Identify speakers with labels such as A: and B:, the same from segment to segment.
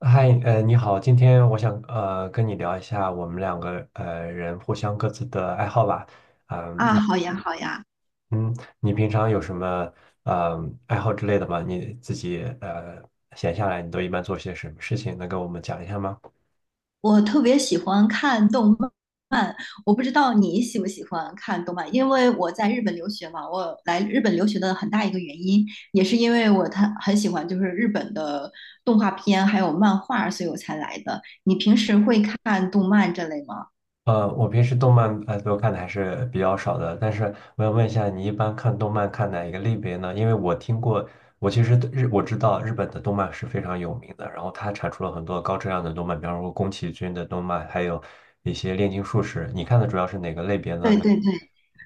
A: 嗨，你好，今天我想跟你聊一下我们两个人互相各自的爱好吧。嗯，
B: 啊，
A: 你
B: 好呀，好呀，
A: 嗯，你平常有什么呃爱好之类的吗？你自己闲下来，你都一般做些什么事情？能跟我们讲一下吗？
B: 我特别喜欢看动漫。我不知道你喜不喜欢看动漫，因为我在日本留学嘛。我来日本留学的很大一个原因，也是因为我他很喜欢就是日本的动画片还有漫画，所以我才来的。你平时会看动漫这类吗？
A: 我平时动漫都看的还是比较少的，但是我想问一下，你一般看动漫看哪一个类别呢？因为我听过，我其实对日我知道日本的动漫是非常有名的，然后它产出了很多高质量的动漫，比方说宫崎骏的动漫，还有一些炼金术士。你看的主要是哪个类别
B: 对
A: 呢？
B: 对对。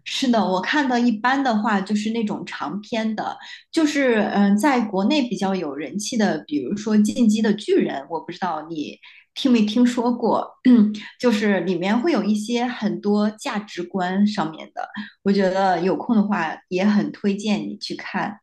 B: 是的，我看到一般的话就是那种长篇的，就是在国内比较有人气的，比如说《进击的巨人》，我不知道你听没听说过。就是里面会有一些很多价值观上面的，我觉得有空的话也很推荐你去看。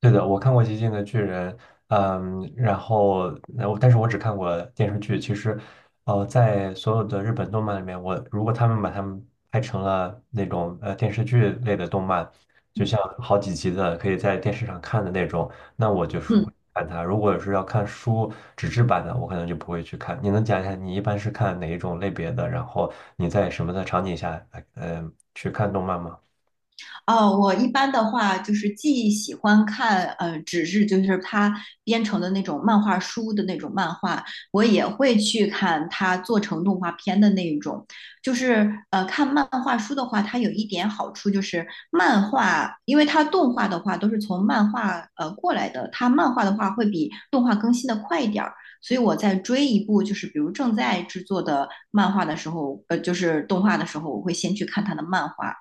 A: 对的，我看过《极限的巨人》。嗯，然后，然后但是我只看过电视剧。其实，在所有的日本动漫里面，如果他们把他们拍成了那种电视剧类的动漫，就像好几集的可以在电视上看的那种，那我就是会
B: 嗯。
A: 看它。如果是要看书纸质版的，我可能就不会去看。你能讲一下你一般是看哪一种类别的？然后你在什么的场景下，去看动漫吗？
B: 哦，我一般的话就是既喜欢看纸质，就是它编成的那种漫画书的那种漫画，我也会去看它做成动画片的那一种。就是看漫画书的话，它有一点好处就是漫画，因为它动画的话都是从漫画过来的，它漫画的话会比动画更新的快一点儿。所以我在追一部就是比如正在制作的漫画的时候，就是动画的时候，我会先去看它的漫画。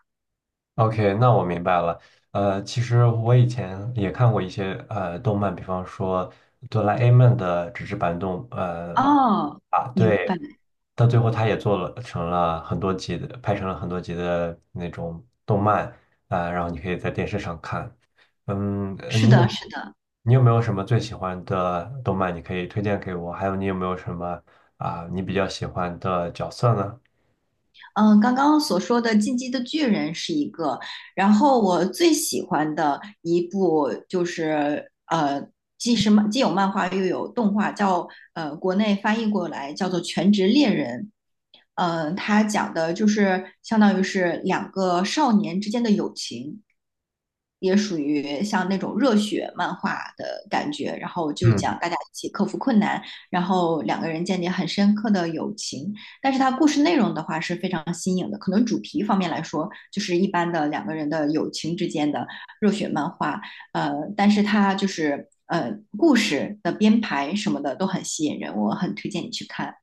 A: OK，那我明白了。其实我以前也看过一些动漫，比方说《哆啦 A 梦》的纸质版
B: 哦，
A: 啊，
B: 明白，
A: 对，到最后他也做了成了很多集的，拍成了很多集的那种动漫啊，然后你可以在电视上看。嗯，
B: 是的，是的。
A: 你有没有什么最喜欢的动漫，你可以推荐给我？还有你有没有什么啊，你比较喜欢的角色呢？
B: 嗯，刚刚所说的《进击的巨人》是一个，然后我最喜欢的一部就是,既是漫既有漫画又有动画，叫国内翻译过来叫做《全职猎人》。它讲的就是相当于是两个少年之间的友情，也属于像那种热血漫画的感觉。然后就
A: 嗯。
B: 讲大家一起克服困难，然后两个人建立很深刻的友情。但是它故事内容的话是非常新颖的，可能主题方面来说就是一般的两个人的友情之间的热血漫画。呃，但是它就是。呃，故事的编排什么的都很吸引人，我很推荐你去看。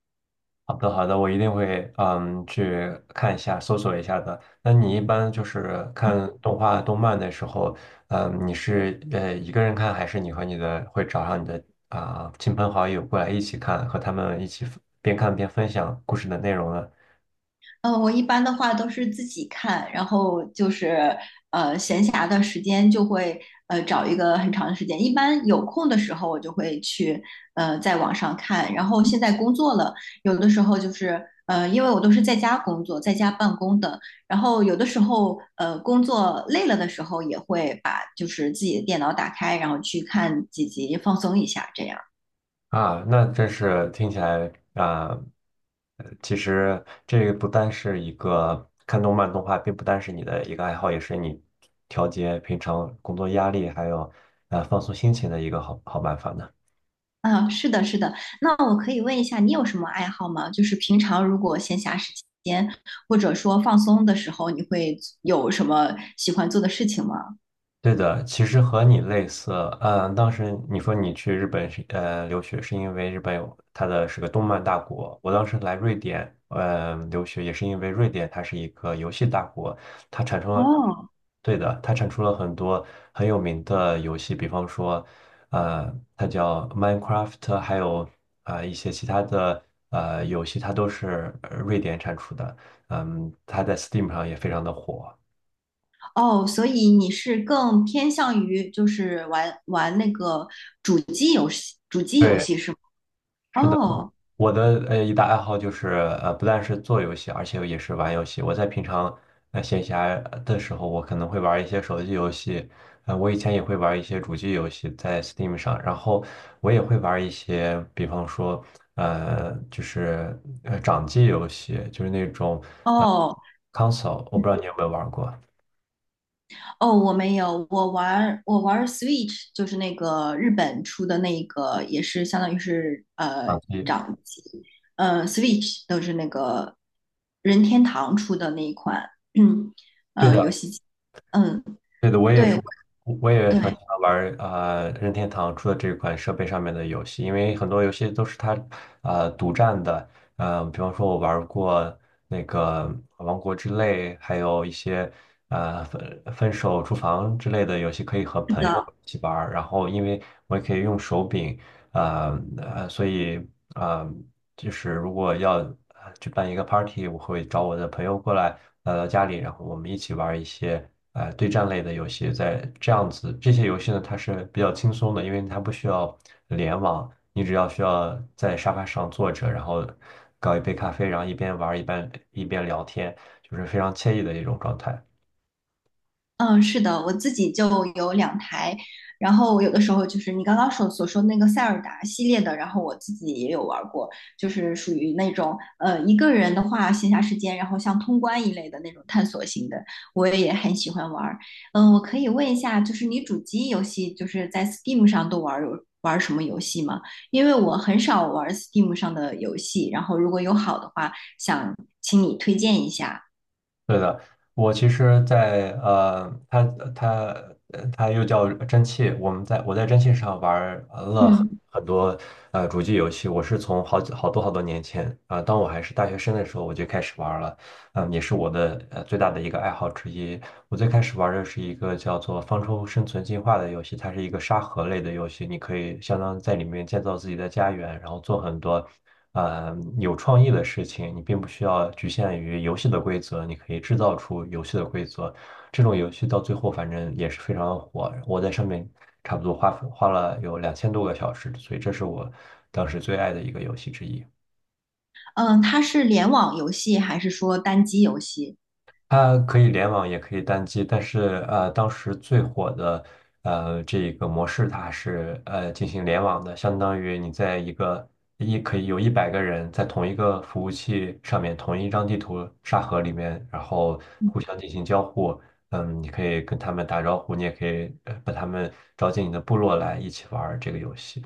A: 好的，好的，我一定会去看一下，搜索一下的。那你一般就是看动画、动漫的时候，你是一个人看，还是你和你的会找上你的亲朋好友过来一起看，和他们一起边看边分享故事的内容呢？
B: 我一般的话都是自己看，然后就是闲暇的时间就会找一个很长的时间，一般有空的时候我就会去在网上看。然后现在工作了，有的时候就是因为我都是在家工作，在家办公的，然后有的时候工作累了的时候也会把就是自己的电脑打开，然后去看几集放松一下这样。
A: 啊，那真是听起来啊。其实这个不单是一个看动漫动画，并不单是你的一个爱好，也是你调节平常工作压力还有放松心情的一个好办法呢。
B: 啊，是的，是的。那我可以问一下，你有什么爱好吗？就是平常如果闲暇时间，或者说放松的时候，你会有什么喜欢做的事情吗？
A: 对的，其实和你类似。当时你说你去日本是留学，是因为日本有它的是个动漫大国。我当时来瑞典，留学也是因为瑞典它是一个游戏大国。它产生了，
B: 哦，
A: 对的，它产出了很多很有名的游戏，比方说，呃，它叫 Minecraft，还有一些其他的游戏，它都是瑞典产出的。它在 Steam 上也非常的火。
B: 哦，所以你是更偏向于就是玩玩那个主机游戏，主机游
A: 对，
B: 戏是吗？
A: 是的。
B: 哦，
A: 我的一大爱好就是不但是做游戏，而且也是玩游戏。我在平常闲暇的时候，我可能会玩一些手机游戏。我以前也会玩一些主机游戏在 Steam 上，然后我也会玩一些，比方说就是掌机游戏，就是那种
B: 哦，
A: console，我不知道你有没有玩过
B: 哦，我没有，我玩儿 Switch,就是那个日本出的那个，也是相当于是
A: 掌机。
B: 掌机。Switch 都是那个任天堂出的那一款 嗯，
A: 对
B: 游
A: 的。
B: 戏机。嗯，
A: 对的，我也
B: 对，
A: 是，
B: 我
A: 我也很
B: 对，
A: 喜欢玩儿任天堂出的这款设备上面的游戏，因为很多游戏都是它独占的。比方说我玩儿过那个《王国之泪》，还有一些分手厨房之类的游戏可以和
B: 是
A: 朋友
B: 的。
A: 一起玩儿，然后因为我也可以用手柄，所以呃就是如果要举办一个 party，我会找我的朋友过来，来到家里，然后我们一起玩一些对战类的游戏。在这样子，这些游戏呢，它是比较轻松的，因为它不需要联网，你只要需要在沙发上坐着，然后搞一杯咖啡，然后一边玩儿一边聊天，就是非常惬意的一种状态。
B: 嗯，是的，我自己就有两台，然后我有的时候就是你刚刚所说的那个塞尔达系列的，然后我自己也有玩过，就是属于那种一个人的话，闲暇时间，然后像通关一类的那种探索型的，我也很喜欢玩儿。嗯、我可以问一下，就是你主机游戏就是在 Steam 上都玩儿有玩儿什么游戏吗？因为我很少玩儿 Steam 上的游戏，然后如果有好的话，想请你推荐一下。
A: 对的，我其实在，它它又叫蒸汽，我在蒸汽上玩儿了很
B: 嗯。
A: 很多主机游戏，我是从好多好多年前当我还是大学生的时候我就开始玩儿了。也是我的最大的一个爱好之一。我最开始玩的是一个叫做《方舟生存进化》的游戏，它是一个沙盒类的游戏，你可以相当于在里面建造自己的家园，然后做很多有创意的事情。你并不需要局限于游戏的规则，你可以制造出游戏的规则。这种游戏到最后反正也是非常火，我在上面差不多花了有2,000多个小时，所以这是我当时最爱的一个游戏之一。
B: 嗯，它是联网游戏还是说单机游戏？
A: 它可以联网，也可以单机。但是当时最火的这个模式，它是进行联网的，相当于你在一个一可以有100个人在同一个服务器上面，同一张地图沙盒里面，然后互相进行交互。你可以跟他们打招呼，你也可以把他们招进你的部落来一起玩儿这个游戏。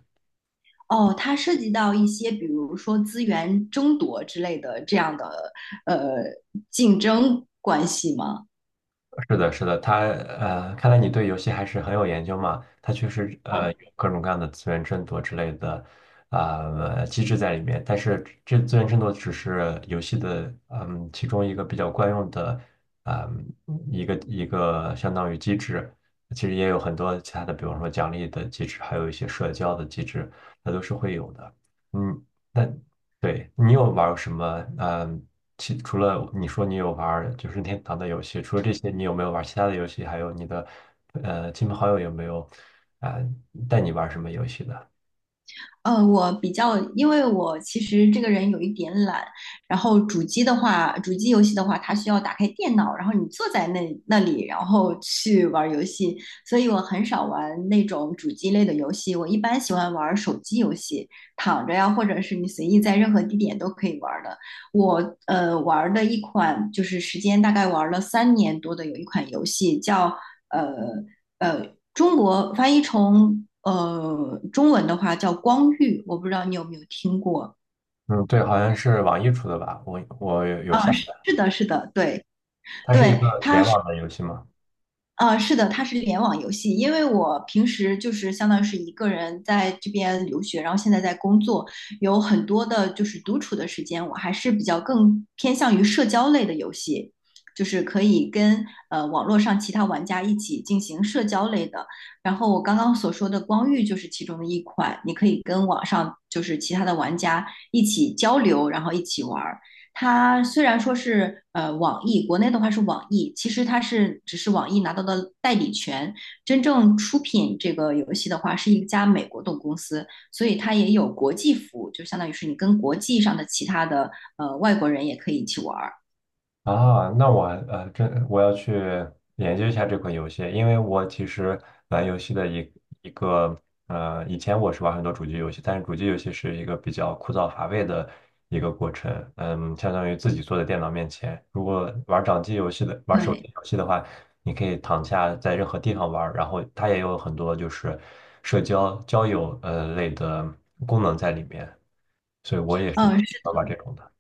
B: 哦，它涉及到一些，比如说资源争夺之类的这样的呃竞争关系吗？
A: 是的，是的。看来你对游戏还是很有研究嘛。它确实有各种各样的资源争夺之类的机制在里面，但是这资源争夺只是游戏的其中一个比较惯用的啊、一个相当于机制。其实也有很多其他的，比方说奖励的机制，还有一些社交的机制，它都是会有的。嗯，那对你有玩儿什么？嗯。除了你说你有玩儿就是任天堂的游戏，除了这些，你有没有玩儿其他的游戏？还有你的亲朋好友有没有啊、带你玩儿什么游戏的？
B: 我比较，因为我其实这个人有一点懒，然后主机的话，主机游戏的话，它需要打开电脑，然后你坐在那里，然后去玩游戏，所以我很少玩那种主机类的游戏。我一般喜欢玩手机游戏，躺着呀，或者是你随意在任何地点都可以玩的。我玩的一款就是时间大概玩了三年多的，有一款游戏叫呃中国翻译成中文的话叫光遇，我不知道你有没有听过。
A: 嗯，对，好像是网易出的吧？我有
B: 啊，
A: 下载，
B: 是的，是的，对
A: 它是一
B: 对，
A: 个联网的游戏吗？
B: 啊，是的，它是联网游戏。因为我平时就是相当于是一个人在这边留学，然后现在在工作，有很多的就是独处的时间，我还是比较更偏向于社交类的游戏，就是可以跟网络上其他玩家一起进行社交类的。然后我刚刚所说的《光遇》就是其中的一款，你可以跟网上就是其他的玩家一起交流，然后一起玩儿。它虽然说是网易，国内的话是网易，其实它是只是网易拿到的代理权，真正出品这个游戏的话是一家美国的公司，所以它也有国际服务，就相当于是你跟国际上的其他的外国人也可以一起玩儿。
A: 啊，这我要去研究一下这款游戏。因为我其实玩游戏的一一个呃，以前我是玩很多主机游戏，但是主机游戏是一个比较枯燥乏味的一个过程。相当于自己坐在电脑面前。如果玩掌机游戏的，玩手
B: 对，
A: 机游戏的话，你可以躺下在任何地方玩儿，然后它也有很多就是社交交友类的功能在里面，所以我也是
B: 嗯。
A: 玩玩这种的。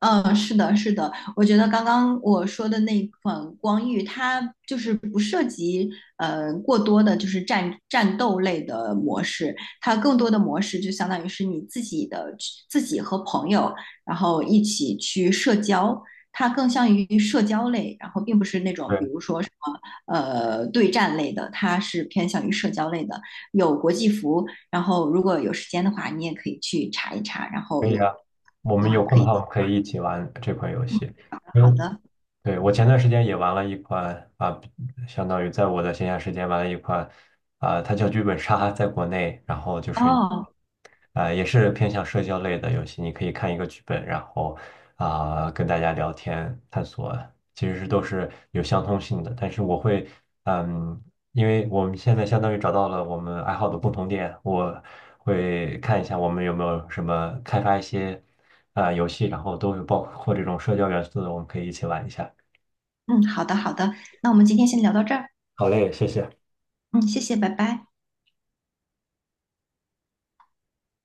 B: 嗯，是的，是的，我觉得刚刚我说的那款光遇，它就是不涉及过多的，就是战斗类的模式，它更多的模式就相当于是你自己的自己和朋友，然后一起去社交，它更像于社交类，然后并不是那种比如说什么对战类的，它是偏向于社交类的，有国际服，然后如果有时间的话，你也可以去查一查，然
A: 可
B: 后
A: 以
B: 有。
A: 啊，我
B: 的
A: 们
B: 话
A: 有空
B: 可
A: 的
B: 以。
A: 话，我们可以一起玩这款游戏。因
B: 好
A: 为，
B: 的，
A: 对，我前段时间也玩了一款啊，相当于在我的闲暇时间玩了一款啊，它叫剧本杀，在国内，然后就是
B: 哦，
A: 啊，也是偏向社交类的游戏。你可以看一个剧本，然后啊，跟大家聊天探索，其实是都是有相通性的。但是我会，嗯，因为我们现在相当于找到了我们爱好的共同点，我会看一下我们有没有什么开发一些游戏，然后都有包括这种社交元素的，我们可以一起玩一下。
B: 嗯，好的，好的，那我们今天先聊到这儿。
A: 好嘞，谢谢。
B: 嗯，谢谢，拜拜。